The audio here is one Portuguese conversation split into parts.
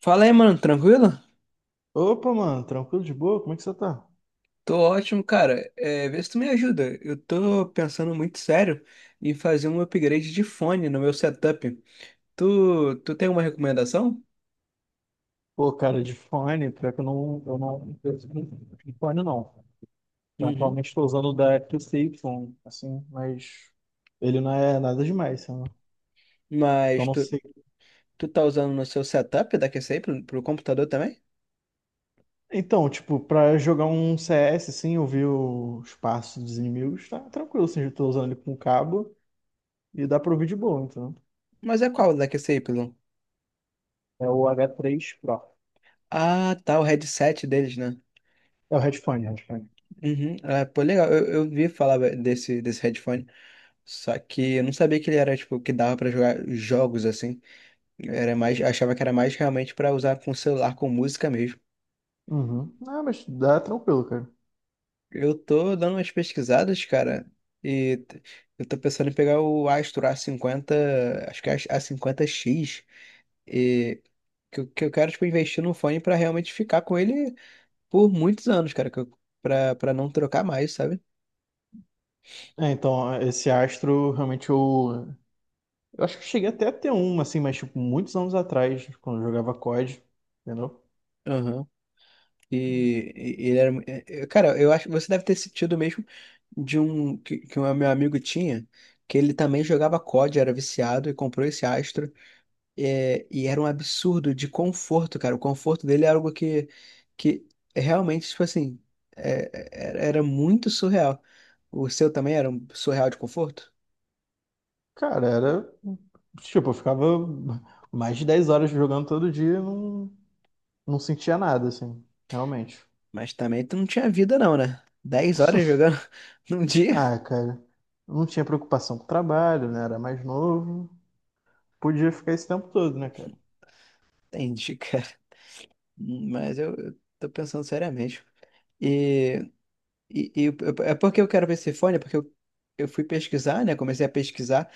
Fala aí, mano, tranquilo? Opa, mano, tranquilo de boa? Como é que você tá? Tô ótimo, cara. É, vê se tu me ajuda. Eu tô pensando muito sério em fazer um upgrade de fone no meu setup. Tu tem uma recomendação? Pô, cara, de fone, pior que eu não, eu não, eu não- de fone não. Uhum. Atualmente estou usando o da QCY, assim, mas ele não é nada demais, sabe? Então Mas não tu, sei. tu tá usando no seu setup da QCY pro computador também? Então, tipo, pra jogar um CS, assim, ouvir os passos dos inimigos, tá tranquilo, assim, eu tô usando ele com cabo e dá pra ouvir de boa, então. Mas é qual da QCY? É o H3 Pro. Ah, tá, o headset deles, né? É o headphone, headphone. Uhum. Ah, pô, legal. Eu vi falar desse headphone. Só que eu não sabia que ele era, tipo, que dava pra jogar jogos assim. Era mais, achava que era mais realmente pra usar com celular, com música mesmo. Uhum. Ah, mas dá tranquilo, cara. Eu tô dando umas pesquisadas, cara, e t- eu tô pensando em pegar o Astro a 50 acho que é A50X, e que eu quero, tipo, investir num fone pra realmente ficar com ele por muitos anos, cara, que eu, pra não trocar mais, sabe? É, então, esse Astro, realmente eu acho que eu cheguei até a ter uma, assim, mas tipo, muitos anos atrás, quando eu jogava COD, entendeu? Aham. E cara, eu acho que você deve ter sentido mesmo de um que um meu amigo tinha, que ele também jogava COD, era viciado e comprou esse Astro. É, e era um absurdo de conforto, cara. O conforto dele é algo que é realmente, tipo assim, era muito surreal. O seu também era um surreal de conforto? Cara, era. Tipo, eu ficava mais de 10 horas jogando todo dia e não sentia nada, assim, realmente. Mas também tu não tinha vida, não, né? 10 horas jogando num dia? Ah, cara, não tinha preocupação com o trabalho, né? Era mais novo, podia ficar esse tempo todo, né, cara? Entendi, cara. Mas eu tô pensando seriamente. E, e, e eu- é porque eu quero ver esse fone, é porque eu fui pesquisar, né? Comecei a pesquisar,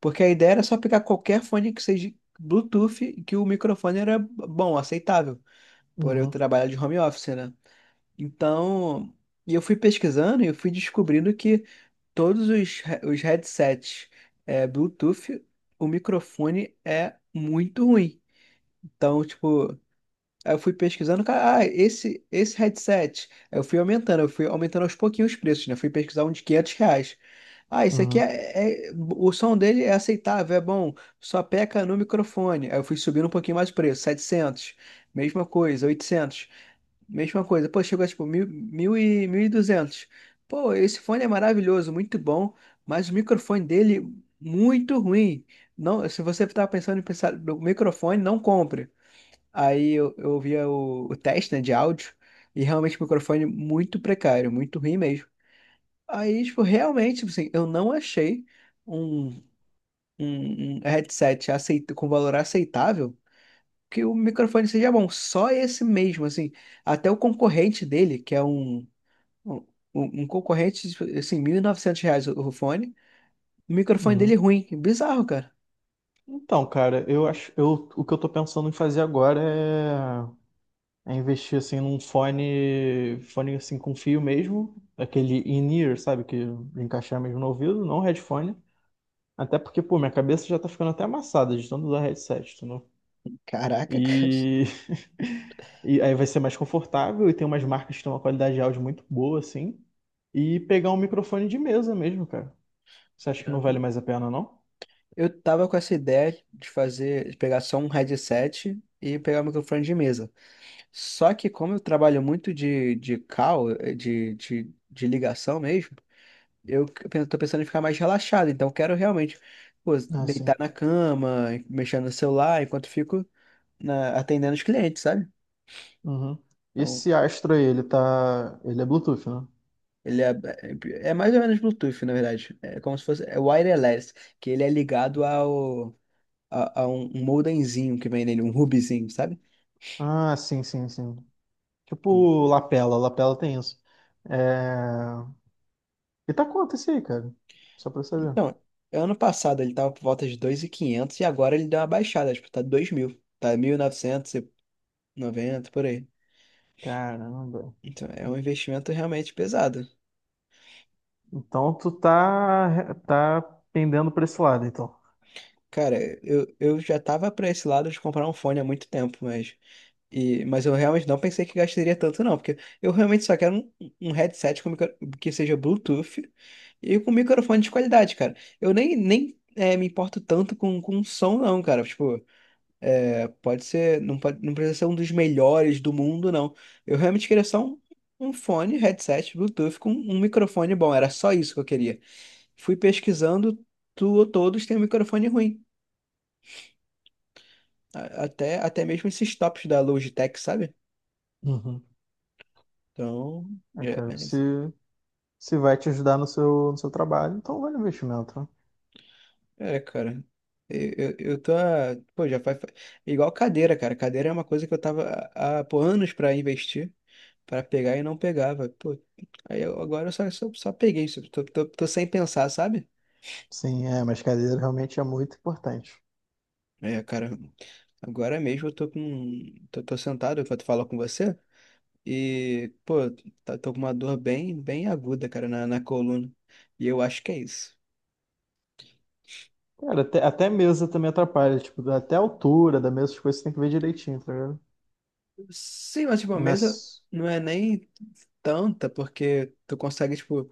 porque a ideia era só pegar qualquer fone que seja Bluetooth e que o microfone era bom, aceitável. Por eu Uhum, trabalhar de home office, né? Então, e eu fui pesquisando e eu fui descobrindo que todos os headsets Bluetooth, o microfone é muito ruim. Então, tipo, aí eu fui pesquisando, cara, ah, esse headset. Aí eu fui aumentando aos pouquinhos os preços, né? Fui pesquisar um de R$ 500. Ah, esse aqui uhum, o som dele é aceitável, é bom, só peca no microfone. Aí eu fui subindo um pouquinho mais o preço, 700. Mesma coisa. 800. Mesma coisa. Pô, chegou a tipo 1.200. Pô, esse fone é maravilhoso, muito bom, mas o microfone dele muito ruim. Não, se você tá pensando em pensar no microfone, não compre. Aí eu ouvia o teste, né, de áudio e realmente o microfone muito precário, muito ruim mesmo. Aí, tipo, realmente, tipo assim, eu não achei um, um headset aceit com valor aceitável que o microfone seja bom. Só esse mesmo, assim. Até o concorrente dele, que é um, um concorrente, tipo, assim, R$ 1.900 o fone. O microfone dele é uhum. ruim. Bizarro, cara. Então, cara, eu acho, eu, o que eu tô pensando em fazer agora é investir assim num fone, fone assim com fio mesmo, aquele in-ear, sabe, que encaixar mesmo no ouvido, não headphone. Até porque, pô, minha cabeça já tá ficando até amassada de tanto usar headset, entendeu? Caraca, cara. E... e aí vai ser mais confortável e tem umas marcas que têm uma qualidade de áudio muito boa, assim. E pegar um microfone de mesa mesmo, cara. Você acha que não vale mais a pena, não? Eu tava com essa ideia de fazer, de pegar só um headset e pegar o microfone de mesa. Só que como eu trabalho muito de call, de ligação mesmo, tô pensando em ficar mais relaxado. Então eu quero realmente, pô, Ah, deitar sim. na cama, mexendo no celular, enquanto fico atendendo os clientes, sabe? Uhum. Então, Esse Astro aí, ele tá. Ele é Bluetooth, né? ele é mais ou menos Bluetooth, na verdade. É como se fosse wireless, que ele é ligado a um modemzinho que vem nele, um hubzinho, sabe? Ah, sim, sim, sim. Tipo, lapela, lapela tem isso. É... E tá quanto esse aí, cara? Só pra eu saber. Então, ano passado ele tava por volta de 2.500 e 500 e agora ele deu uma baixada, tipo, tá 2.000, tá 1.990 por aí. Caramba. Então, é um investimento realmente pesado. Então tu tá pendendo pra esse lado, então. Cara, eu já tava pra esse lado de comprar um fone há muito tempo, mas, e, eu realmente não pensei que gastaria tanto, não, porque eu realmente só quero um headset com que seja Bluetooth e com microfone de qualidade, cara. Eu nem me importo tanto com som, não, cara. Tipo, pode ser, não pode, não precisa ser um dos melhores do mundo, não. Eu realmente queria só um fone, headset, Bluetooth com um microfone bom. Era só isso que eu queria. Fui pesquisando, tu, todos têm um microfone ruim. Até, até mesmo esses tops da Logitech, sabe? Uhum. Então, É, é, cara, se vai te ajudar no seu trabalho, então vai o investimento, né? Cara. Eu pô, igual cadeira, cara. Cadeira é uma coisa que eu tava pô, anos pra investir, pra pegar e não pegava. Pô, agora eu só peguei. Tô sem pensar, sabe? Sim, é, mas cadeira realmente é muito importante. É, cara. Agora mesmo eu tô sentado enquanto falo com você. E, pô, tô com uma dor bem, bem aguda, cara, na coluna. E eu acho que é isso. Cara, até mesa também atrapalha, tipo, até a altura da mesa, as coisas você tem que ver direitinho, tá ligado? Sim, mas, tipo, a Não é mesa s- não é nem tanta, porque tu consegue, tipo.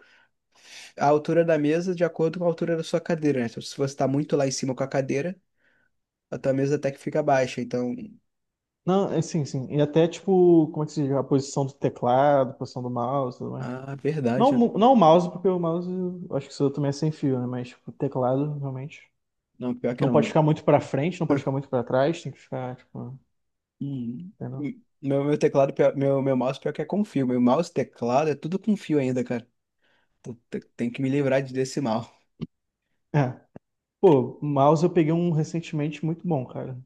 A altura da mesa de acordo com a altura da sua cadeira, né? Então, se você está muito lá em cima com a cadeira, a tua mesa até que fica baixa. Então, Não, é, sim, sim. E até, tipo, como é que se diz? A posição do teclado, a posição do mouse e tudo mais. ah, Não, verdade. Não o mouse, porque o mouse, eu acho que isso também é sem fio, né? Mas, tipo, o teclado, realmente. Não, pior que Não pode não. ficar muito pra frente, não pode ficar muito pra trás, tem que ficar, tipo, Hum. entendeu? Meu meu mouse, pior que é com fio. Meu mouse, teclado, é tudo com fio ainda, cara. Então, tem que me livrar desse mal. É. Pô, o mouse eu peguei um recentemente muito bom, cara,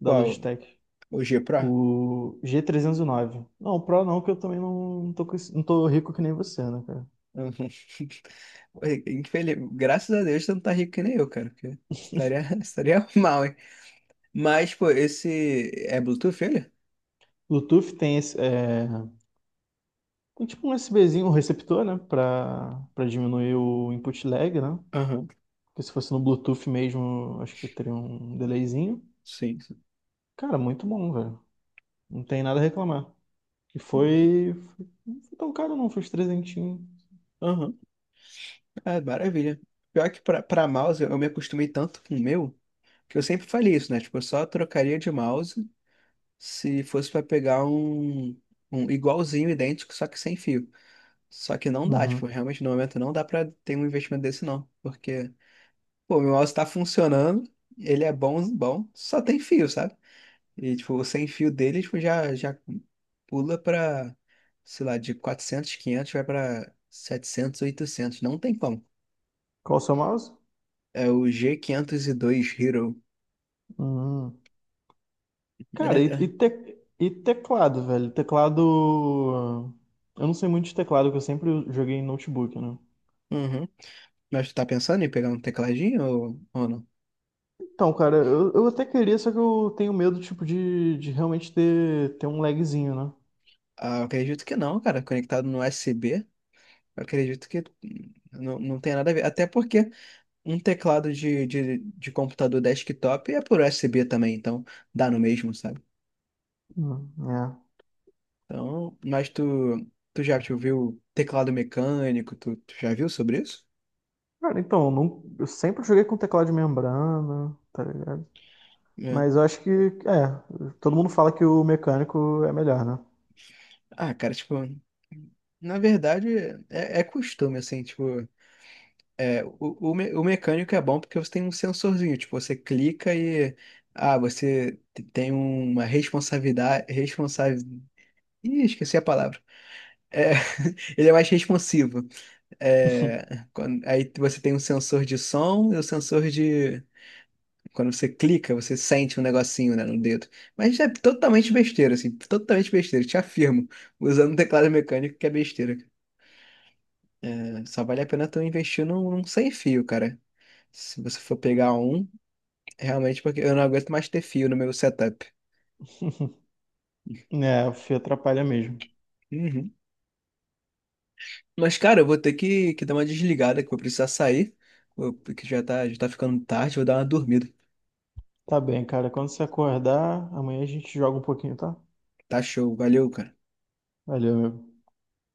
da Qual? Logitech. O G Pro? O G309. Não, o Pro não, que eu também não tô rico que nem você, né, cara? Uhum. Infeliz... Graças a Deus você não tá rico que nem eu, cara. Porque estaria, estaria mal, hein? Mas, pô, esse é Bluetooth, ele? Bluetooth tem esse. Tem tipo um USBzinho, um receptor, né? Pra diminuir o input lag, né? Aham, Porque se fosse no Bluetooth mesmo, acho que teria um delayzinho. sim, sim. Cara, muito bom, velho. Não tem nada a reclamar. Não foi tão caro, não. Foi uns trezentinho. Aham. Ah, maravilha. Pior que pra mouse, eu me acostumei tanto com o meu, que eu sempre falei isso, né? Tipo, eu só trocaria de mouse se fosse pra pegar um igualzinho, idêntico, só que sem fio. Só que não dá, tipo, Uhum. realmente no momento não dá pra ter um investimento desse não. Porque, pô, meu mouse tá funcionando, ele é bom, bom, só tem fio, sabe? E, tipo, o sem fio dele, tipo, já pula pra, sei lá, de 400, 500 vai pra 700, 800, não tem como. Qual o seu mouse? É o G502 Hero. Uhum. Cara, e, e, É. te- e teclado, velho? Teclado. Eu não sei muito de teclado, porque eu sempre joguei em notebook, né? Uhum. Mas tu tá pensando em pegar um tecladinho ou não? Então, cara, eu até queria, só que eu tenho medo, tipo, de realmente ter um lagzinho, né? Ah, eu acredito que não, cara. Conectado no U S USB, eu acredito que não tem nada a ver. Até porque um teclado de computador desktop é por U S B também, então dá no mesmo, sabe? É. Então, mas tu já te viu teclado mecânico? Tu já viu sobre isso? Cara, então, eu, não- eu sempre joguei com teclado de membrana, tá ligado? É. Mas eu acho que, todo mundo fala que o mecânico é melhor, né? Ah, cara, tipo, na verdade é costume, assim, tipo. É, o mecânico é bom porque você tem um sensorzinho, tipo, você clica e tem uma responsabilidade, responsável, ih, esqueci a palavra. É, ele é mais responsivo. É, aí você tem um sensor de som e o sensor de quando você clica, você sente um negocinho, né, no dedo. Mas é totalmente besteira, assim, totalmente besteira, te afirmo, usando um teclado mecânico que é besteira. É, só vale a pena tu investir num sem fio, cara. Se você for pegar realmente, porque eu não aguento mais ter fio no meu setup. É, o fio atrapalha mesmo. Uhum. Mas, cara, eu vou ter que dar uma desligada, que eu vou precisar sair, porque já tá ficando tarde, vou dar uma dormida. Tá bem, cara. Quando você acordar, amanhã a gente joga um pouquinho, tá? Tá show, valeu, cara. Valeu, meu.